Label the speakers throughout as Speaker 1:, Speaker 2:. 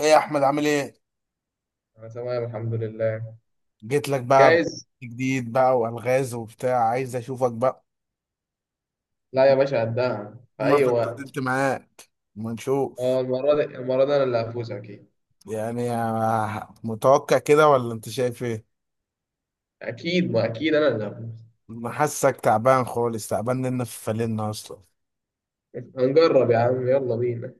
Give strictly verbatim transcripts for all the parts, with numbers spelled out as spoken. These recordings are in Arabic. Speaker 1: ايه يا احمد عامل ايه؟
Speaker 2: أنا تمام، الحمد لله.
Speaker 1: جيت لك بقى،
Speaker 2: جايز.
Speaker 1: جديد بقى والغاز وبتاع، عايز اشوفك بقى.
Speaker 2: لا يا باشا، قدها في
Speaker 1: المره
Speaker 2: أي
Speaker 1: اللي
Speaker 2: وقت.
Speaker 1: اتعاملت معاك ما نشوف.
Speaker 2: أه، المرة دي المرة دي أنا اللي هفوز أكيد.
Speaker 1: يعني آه، متوقع كده ولا انت شايف ايه؟
Speaker 2: أكيد، ما أكيد أنا اللي هفوز.
Speaker 1: أنا حاسك تعبان خالص، تعبان لنا في فلنا اصلا.
Speaker 2: هنجرب يا عم، يلا بينا.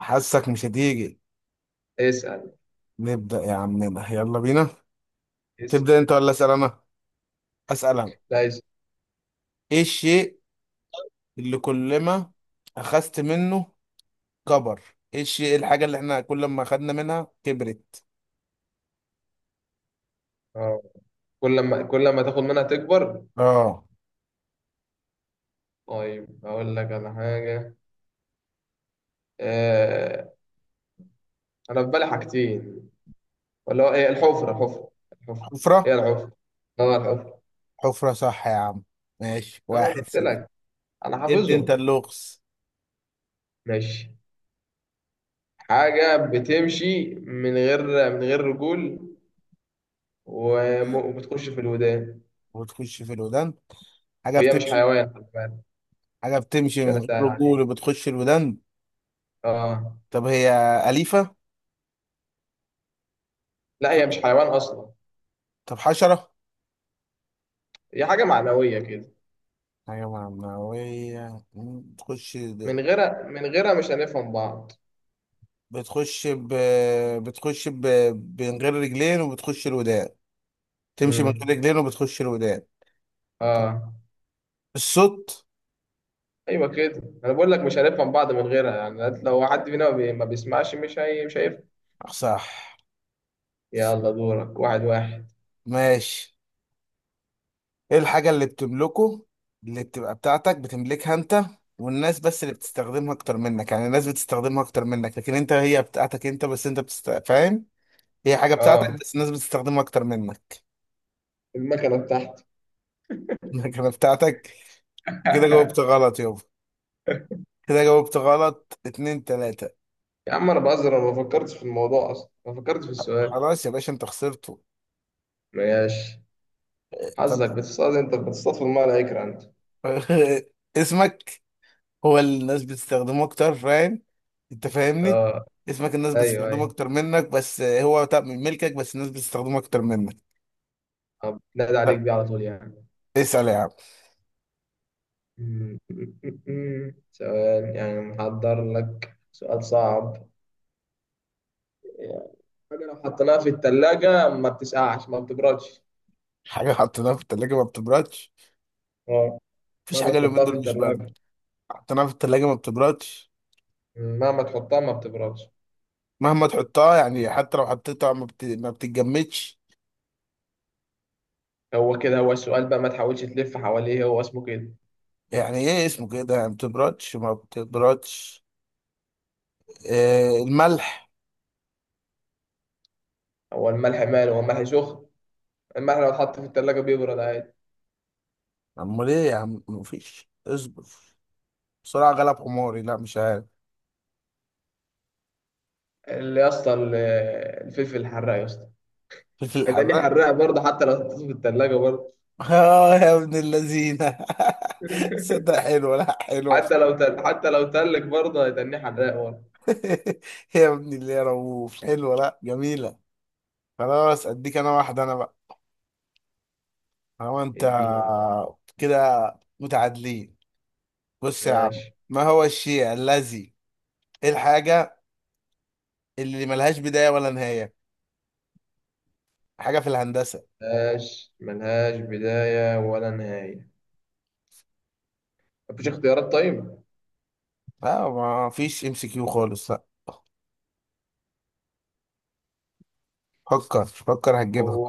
Speaker 1: حاسك مش هتيجي.
Speaker 2: اسأل.
Speaker 1: نبدا يا عمنا يلا بينا.
Speaker 2: اسأل.
Speaker 1: تبدا انت ولا اسال انا؟ اسال انا.
Speaker 2: لا، اسأل.
Speaker 1: ايه الشيء اللي كل ما اخذت منه كبر؟ ايه الشيء، الحاجه اللي احنا كل ما اخذنا منها كبرت؟
Speaker 2: أه. كل ما كل ما تاخد منها تكبر.
Speaker 1: اه،
Speaker 2: طيب أقول لك على حاجة. أه. أنا في بالي حاجتين. ولا هو إيه؟ الحفرة؟ الحفرة. الحفرة.
Speaker 1: حفره.
Speaker 2: هي الحفرة. أه، الحفرة.
Speaker 1: حفرة صح يا عم. ماشي
Speaker 2: أه، أنا
Speaker 1: واحد
Speaker 2: قلت
Speaker 1: صفر.
Speaker 2: لك. أنا
Speaker 1: ادي انت
Speaker 2: حافظهم.
Speaker 1: اللغز.
Speaker 2: ماشي. حاجة بتمشي من غير من غير رجول، وم- وبتخش في الودان.
Speaker 1: وتخش في الودان، حاجة
Speaker 2: وهي مش
Speaker 1: بتمشي.
Speaker 2: حيوان، خلي بالك.
Speaker 1: حاجة بتمشي من
Speaker 2: عشان
Speaker 1: غير
Speaker 2: اسهل عليك.
Speaker 1: رجول وبتخش الودان.
Speaker 2: اه.
Speaker 1: طب هي أليفة؟
Speaker 2: لا، هي مش حيوان اصلا.
Speaker 1: طب حشرة؟
Speaker 2: هي حاجه معنويه كده.
Speaker 1: حاجة معنوية؟ مم، بتخش.
Speaker 2: من غيرها من غيرها مش هنفهم بعض.
Speaker 1: بتخش ب... بتخش ب... من غير رجلين وبتخش الودان. تمشي من غير
Speaker 2: امم
Speaker 1: رجلين وبتخش الودان.
Speaker 2: اه.
Speaker 1: الصوت.
Speaker 2: ايوه كده، انا بقول لك مش هنفهم بعض من غيرها. يعني أنت لو حد فينا ما بي- ما بيسمعش، مش هي مش هيفهم.
Speaker 1: صح.
Speaker 2: يلا دورك. واحد واحد.
Speaker 1: ماشي، ايه الحاجة اللي بتملكه، اللي بتبقى بتاعتك، بتملكها انت والناس بس اللي بتستخدمها اكتر منك؟ يعني الناس بتستخدمها اكتر منك لكن انت هي بتاعتك انت بس، انت بتست... فاهم؟ هي حاجة بتاعتك
Speaker 2: اه.
Speaker 1: بس الناس بتستخدمها اكتر منك.
Speaker 2: المكنه بتاعتي.
Speaker 1: لكن بتاعتك. كده جاوبت غلط يابا. كده جاوبت غلط، اتنين تلاتة.
Speaker 2: يا عم انا بهزر، انا ما فكرتش في الموضوع اصلا، ما فكرتش في السؤال.
Speaker 1: خلاص يا باشا انت خسرته.
Speaker 2: ماشي.
Speaker 1: طب.
Speaker 2: حظك. بتصطاد، انت بتصطاد في الميه لا يكرهك انت.
Speaker 1: اسمك. هو اللي الناس بتستخدمه اكتر، فاهم؟ انت فاهمني.
Speaker 2: اه.
Speaker 1: اسمك الناس
Speaker 2: ايوه،
Speaker 1: بتستخدمه
Speaker 2: أيوة.
Speaker 1: اكتر منك بس هو بتاع- من ملكك، بس الناس بتستخدمه اكتر منك.
Speaker 2: طب نادى عليك
Speaker 1: لا
Speaker 2: بيه على طول يعني.
Speaker 1: اسأل يا عم.
Speaker 2: م- م- م- م. سؤال يعني؟ محضر لك سؤال صعب. حاجة لو حطيناها في التلاجة ما بتسقعش، ما بتبردش.
Speaker 1: حاجة حطيناها في التلاجة ما بتبردش.
Speaker 2: اه.
Speaker 1: مفيش
Speaker 2: مهما
Speaker 1: حاجة اليومين
Speaker 2: تحطها في
Speaker 1: دول مش باردة.
Speaker 2: التلاجة،
Speaker 1: حطيناها في التلاجة ما بتبردش.
Speaker 2: م، مهما تحطها ما بتبردش.
Speaker 1: مهما تحطها، يعني حتى لو حطيتها ما, بت... ما بتتجمدش.
Speaker 2: هو كده، هو السؤال بقى، ما تحاولش تلف حواليه، هو اسمه كده.
Speaker 1: يعني ايه اسمه كده؟ يعني ما بتبردش، ما بتبردش. إيه؟ الملح.
Speaker 2: هو الملح ماله؟ هو الملح سخن؟ الملح لو اتحط في التلاجة بيبرد عادي.
Speaker 1: امال ايه يا عم؟ مفيش، اصبر، بسرعة غلب حماري، لا مش عارف.
Speaker 2: اللي يا اسطى، ال- الفلفل الحراق يا اسطى.
Speaker 1: فلفل
Speaker 2: هيتقال لي
Speaker 1: الحراق.
Speaker 2: حراق برضه حتى لو اتحط في التلاجة برضه.
Speaker 1: اه يا ابن اللذينة. صدق حلوة، لا حلوة
Speaker 2: حتى لو
Speaker 1: بصراحة.
Speaker 2: تل... حتى لو تلك برضه هيتني حراق ورا.
Speaker 1: يا ابن اللي، يا رؤوف، حلوة، لا جميلة. خلاص اديك انا واحده انا بقى. هو انت
Speaker 2: اديني واحد.
Speaker 1: كده؟ متعادلين. بص يا عم،
Speaker 2: ماشي.
Speaker 1: ما هو الشيء الذي، ايه الحاجه اللي ملهاش بدايه ولا نهايه؟ حاجه في الهندسه.
Speaker 2: ملهاش ملهاش بداية ولا نهاية. مفيش اختيارات؟ طيب.
Speaker 1: لا ما فيش ام سي كيو خالص، لا. فكر فكر هتجيبها.
Speaker 2: هو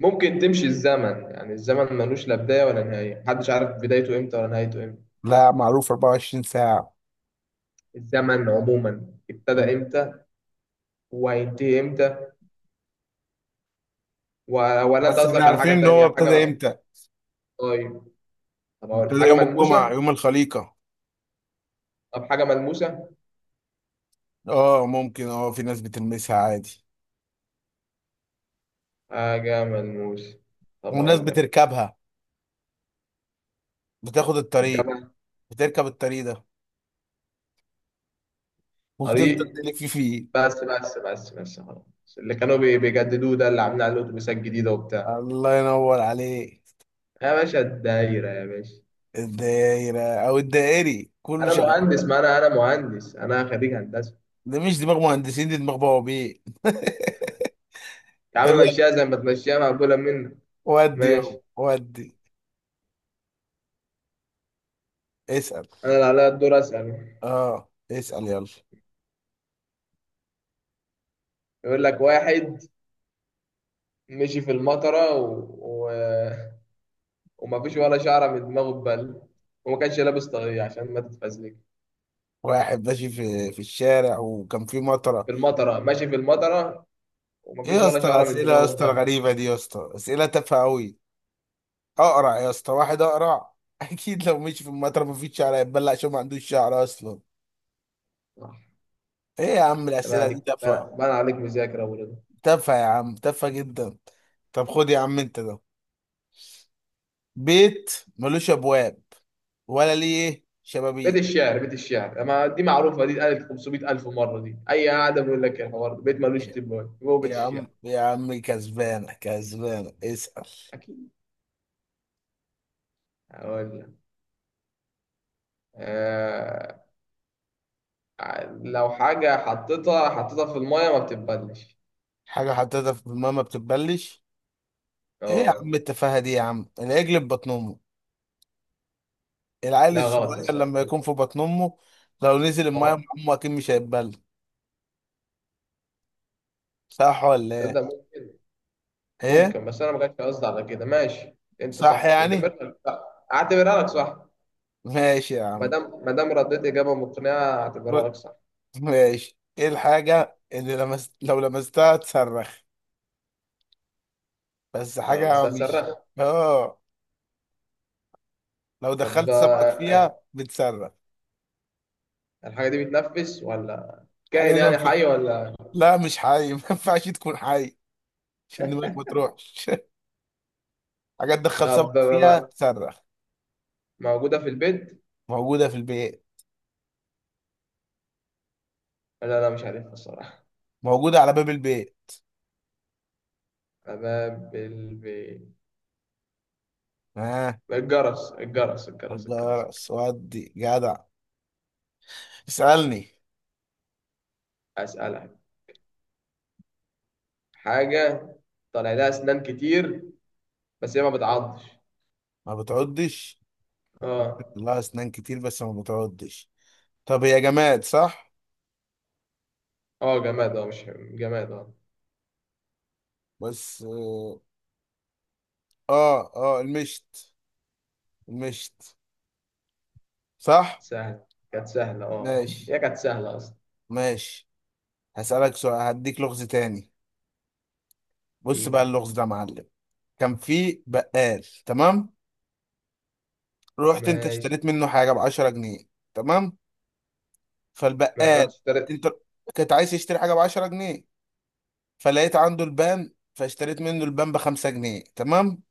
Speaker 2: ممكن تمشي الزمن، يعني الزمن ملوش لا بداية ولا نهاية، محدش عارف بدايته امتى ولا نهايته امتى.
Speaker 1: لا، معروف أربعة وعشرين ساعة ساعه.
Speaker 2: الزمن عموما
Speaker 1: مم.
Speaker 2: ابتدى امتى؟ وهينتهي امتى؟ و... ولا انت
Speaker 1: بس احنا
Speaker 2: قصدك على
Speaker 1: عارفين
Speaker 2: حاجة
Speaker 1: ان هو
Speaker 2: تانية؟
Speaker 1: ابتدى
Speaker 2: حاجة.
Speaker 1: امتى.
Speaker 2: طيب. طب هقول
Speaker 1: ابتدى
Speaker 2: حاجة
Speaker 1: يوم الجمعه،
Speaker 2: ملموسة.
Speaker 1: يوم الخليقه.
Speaker 2: طب حاجة ملموسة.
Speaker 1: اه، ممكن، اه في ناس بتلمسها عادي.
Speaker 2: حاجة ملموسة. طب
Speaker 1: وناس
Speaker 2: هقول لك.
Speaker 1: بتركبها، بتاخد الطريق،
Speaker 2: تركبها؟
Speaker 1: بتركب الطريق ده وتفضل
Speaker 2: طريق.
Speaker 1: تلف فيه.
Speaker 2: بس بس بس بس، خلاص. اللي كانوا بي- بيجددوه ده، اللي عاملين عليه الاتوبيسات الجديده وبتاع.
Speaker 1: الله ينور عليك.
Speaker 2: يا باشا الدايره يا باشا.
Speaker 1: الدايرة أو الدائري كله
Speaker 2: انا
Speaker 1: شغال.
Speaker 2: مهندس، ما انا انا مهندس، انا خريج هندسه.
Speaker 1: ده مش دماغ مهندسين، دي دماغ بوابين.
Speaker 2: يا
Speaker 1: طب
Speaker 2: عم
Speaker 1: يلا،
Speaker 2: مشيها زي ما تمشيها، مقبوله منك.
Speaker 1: ودي يلا
Speaker 2: ماشي.
Speaker 1: ودي. اسأل.
Speaker 2: انا اللي عليا الدور اسال.
Speaker 1: اه اسأل يلا.
Speaker 2: يقول لك واحد مشي في المطره و... و... ومفيش ولا شعره من دماغه اتبل، وما كانش لابس طاقيه عشان ما تتفزلك.
Speaker 1: واحد ماشي في في الشارع، وكان في مطرة.
Speaker 2: في المطره، ماشي في المطره،
Speaker 1: ايه
Speaker 2: ومفيش
Speaker 1: يا
Speaker 2: ولا
Speaker 1: اسطى
Speaker 2: شعره من
Speaker 1: الأسئلة يا
Speaker 2: دماغه
Speaker 1: اسطى
Speaker 2: اتبل.
Speaker 1: الغريبة دي يا اسطى؟ أسئلة تافهة أوي. أقرع يا اسطى، واحد أقرع. أكيد لو مشي في المطرة مفيش شعر هيتبلع عشان ما عندوش شعر أصلا.
Speaker 2: صح.
Speaker 1: ايه يا عم
Speaker 2: صح، انت بقى
Speaker 1: الأسئلة دي
Speaker 2: عليك،
Speaker 1: تافهة.
Speaker 2: بقى بقى عليك مذاكره.
Speaker 1: تافهة يا عم، تافهة جدا. طب خد يا عم انت ده. بيت ملوش ابواب ولا ليه
Speaker 2: بيت
Speaker 1: شبابيك.
Speaker 2: الشعر، بيت الشعر، ما دي معروفه، دي اتقالت خمسميت ألف مره، دي اي قاعده بيقول لك الحوار ده بيت ملوش تبان، هو بيت
Speaker 1: يا
Speaker 2: الشعر.
Speaker 1: عم يا عم كسبانة، كسبانة، اسأل.
Speaker 2: اكيد. هقول لك. آه... لو حاجه حطيتها حطيتها في الميه ما بتتبلش.
Speaker 1: حاجة حطيتها في ماما بتتبلش. ايه يا
Speaker 2: اه.
Speaker 1: عم التفاهة دي يا عم؟ العجل في بطن امه، العيل
Speaker 2: لا، غلط يا
Speaker 1: الصغير
Speaker 2: استاذ.
Speaker 1: لما يكون في بطن امه، لو نزل المايه مع
Speaker 2: آه،
Speaker 1: امه اكيد مش هيتبل. صح ولا ايه؟
Speaker 2: تصدق ممكن.
Speaker 1: ايه؟
Speaker 2: ممكن، بس انا ما كانش قصدي على كده. ماشي، انت
Speaker 1: صح
Speaker 2: صح، اعتبرها
Speaker 1: يعني؟
Speaker 2: لك صح. اعتبرها لك صح.
Speaker 1: ماشي يا
Speaker 2: ما
Speaker 1: عم،
Speaker 2: دام ما دام رديت اجابه مقنعه، اعتبرها لك صح.
Speaker 1: ماشي. ايه الحاجة اللي لمست لو لمستها تصرخ؟ بس
Speaker 2: ده انا
Speaker 1: حاجة مش،
Speaker 2: مستسرخ.
Speaker 1: اه، لو
Speaker 2: طب.
Speaker 1: دخلت
Speaker 2: آه،
Speaker 1: سمكك
Speaker 2: آه،
Speaker 1: فيها بتصرخ.
Speaker 2: الحاجه دي بتنفس ولا؟
Speaker 1: الحاجه
Speaker 2: كائن
Speaker 1: دي ما
Speaker 2: يعني
Speaker 1: ينفعش
Speaker 2: حي ولا؟
Speaker 1: لا، مش حي، ما ينفعش تكون حي عشان دماغك ما تروحش. حاجه تدخل سمك
Speaker 2: طب
Speaker 1: فيها
Speaker 2: بقى،
Speaker 1: بتصرخ.
Speaker 2: موجودة في البيت؟
Speaker 1: موجوده في البيت،
Speaker 2: لا لا، مش عارفها الصراحة.
Speaker 1: موجوده على باب البيت.
Speaker 2: باب البيت.
Speaker 1: ها، آه.
Speaker 2: الجرس الجرس الجرس الجرس الجرس.
Speaker 1: الجرس، ودي جدع. اسالني.
Speaker 2: أسألك حاجة. طالع لها أسنان كتير بس هي ما بتعضش.
Speaker 1: ما بتعضش؟
Speaker 2: اه.
Speaker 1: لها اسنان كتير بس ما بتعضش. طب هي جماد صح؟
Speaker 2: اه جماد، اه مش جماد اه.
Speaker 1: بس اه، اه، آه، المشت، المشت، صح.
Speaker 2: سهل. كانت سهلة، اه
Speaker 1: ماشي،
Speaker 2: هي كانت سهلة أصلا.
Speaker 1: ماشي، هسألك سؤال، هديك لغز تاني. بص بقى
Speaker 2: اديني.
Speaker 1: اللغز ده يا معلم. كان في بقال، تمام. رحت انت
Speaker 2: ماشي.
Speaker 1: اشتريت منه حاجه ب عشرة جنيه، تمام.
Speaker 2: ما رحت
Speaker 1: فالبقال،
Speaker 2: اشتريت.
Speaker 1: انت كنت عايز تشتري حاجه ب عشرة جنيه، فلقيت عنده البان فاشتريت منه البان ب خمسة جنيه، تمام.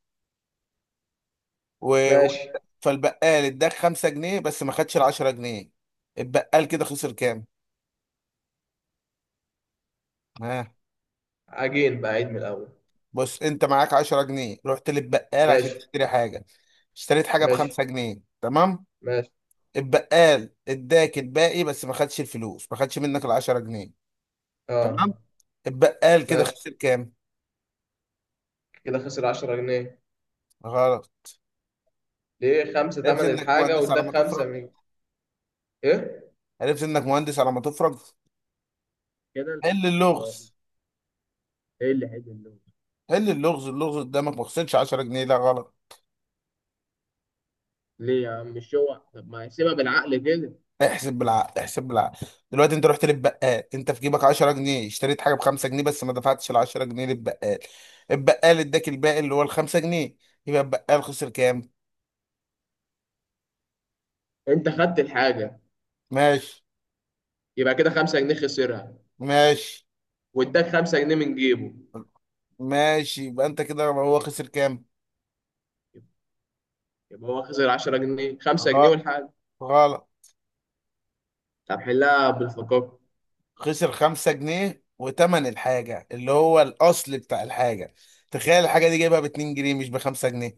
Speaker 1: و... و...
Speaker 2: ماشي.
Speaker 1: فالبقال اداك خمسة جنيه، بس ما خدش ال عشرة جنيه. البقال كده خسر كام؟ ها.
Speaker 2: عجين بقى، عيد من الأول.
Speaker 1: بص انت معاك عشرة جنيه، رحت للبقال عشان
Speaker 2: ماشي.
Speaker 1: تشتري حاجه، اشتريت حاجه ب
Speaker 2: ماشي.
Speaker 1: خمسة جنيه، تمام.
Speaker 2: ماشي.
Speaker 1: البقال اداك الباقي بس ما خدش الفلوس، ما خدش منك ال عشرة جنيه،
Speaker 2: اه.
Speaker 1: تمام. البقال كده
Speaker 2: ماشي.
Speaker 1: خسر كام؟
Speaker 2: كده خسر عشرة جنيه.
Speaker 1: غلط.
Speaker 2: ليه؟ خمسة
Speaker 1: عرفت
Speaker 2: تمن
Speaker 1: انك
Speaker 2: الحاجة
Speaker 1: مهندس على ما
Speaker 2: واداك خمسة
Speaker 1: تفرج.
Speaker 2: من. ايه
Speaker 1: عرفت انك مهندس على ما تفرج.
Speaker 2: كده
Speaker 1: حل
Speaker 2: البقال؟ ما هو
Speaker 1: اللغز،
Speaker 2: ايه اللي هيدي اللون؟
Speaker 1: حل اللغز، اللغز قدامك. ما خسرش عشرة جنيه، لا غلط.
Speaker 2: ليه يا عم؟ مش هو؟ طب ما يحسبها بالعقل كده.
Speaker 1: احسب بالعقل، احسب بالعقل. دلوقتي انت رحت للبقال، انت في جيبك عشرة جنيه، اشتريت حاجه ب خمسة جنيه، بس ما دفعتش ال عشرة جنيه للبقال. البقال اداك الباقي اللي هو ال خمسة جنيه. يبقى البقال خسر كام؟
Speaker 2: انت خدت الحاجه،
Speaker 1: ماشي،
Speaker 2: يبقى كده خمس جنيهات خسرها،
Speaker 1: ماشي،
Speaker 2: واداك خمسة جنيه من جيبه،
Speaker 1: ماشي. يبقى انت كده هو
Speaker 2: يبقى.
Speaker 1: خسر كام؟
Speaker 2: يبقى هو خسر عشرة جنيه، خمسة جنيه
Speaker 1: غ-
Speaker 2: والحاجه.
Speaker 1: غلط.
Speaker 2: طب حلها بالفقاقه.
Speaker 1: خسر خمسة جنيه وتمن الحاجة اللي هو الأصل بتاع الحاجة. تخيل الحاجة دي جايبها باتنين جنيه مش بخمسة جنيه،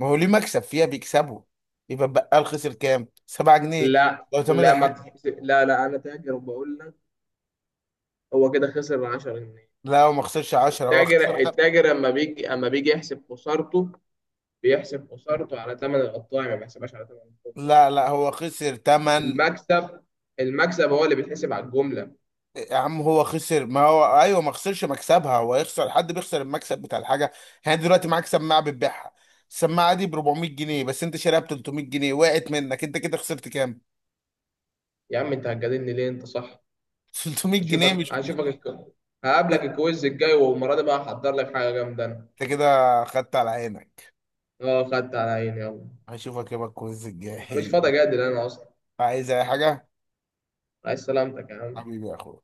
Speaker 1: ما هو ليه مكسب فيها بيكسبوا. يبقى البقال خسر كام؟ سبعة جنيه.
Speaker 2: لا
Speaker 1: لو تمن
Speaker 2: لا، ما
Speaker 1: الحاجة.
Speaker 2: بتحسب. لا لا، انا تاجر وبقول لك. هو كده خسر عشر جنيهات.
Speaker 1: لا هو ما خسرش عشرة، هو خسر
Speaker 2: التاجر
Speaker 1: خ...
Speaker 2: التاجر اما بيجي، اما بيجي يحسب خسارته، بيحسب خسارته على ثمن القطاع ما بيحسبهاش على ثمن
Speaker 1: لا لا، هو خسر تمن.
Speaker 2: المكسب. المكسب هو اللي بيتحسب على الجمله.
Speaker 1: يا عم هو خسر، ما هو ايوه، ما خسرش مكسبها، هو يخسر، حد بيخسر المكسب بتاع الحاجه. يعني دلوقتي معاك سماعه بتبيعها، السماعه دي ب أربعمائة جنيه بس انت شاريها ب ثلاثمائة جنيه، وقعت منك، انت كده خسرت كام؟
Speaker 2: يا عم انت هتجادلني ليه؟ انت صح.
Speaker 1: تلتمية جنيه
Speaker 2: هشوفك
Speaker 1: مش
Speaker 2: هشوفك
Speaker 1: خمسمية.
Speaker 2: الك... هقابلك الكويز الجاي، والمره دي بقى هحضر لك حاجه جامده انا.
Speaker 1: انت كده خدت على عينك.
Speaker 2: اه، خدت على عيني، يلا.
Speaker 1: هشوفك يوم الكويز
Speaker 2: انا مش
Speaker 1: الجاي.
Speaker 2: فاضي اجادل انا اصلا.
Speaker 1: عايز اي حاجه؟
Speaker 2: عايز سلامتك يا عم.
Speaker 1: حبيبي يا اخويا.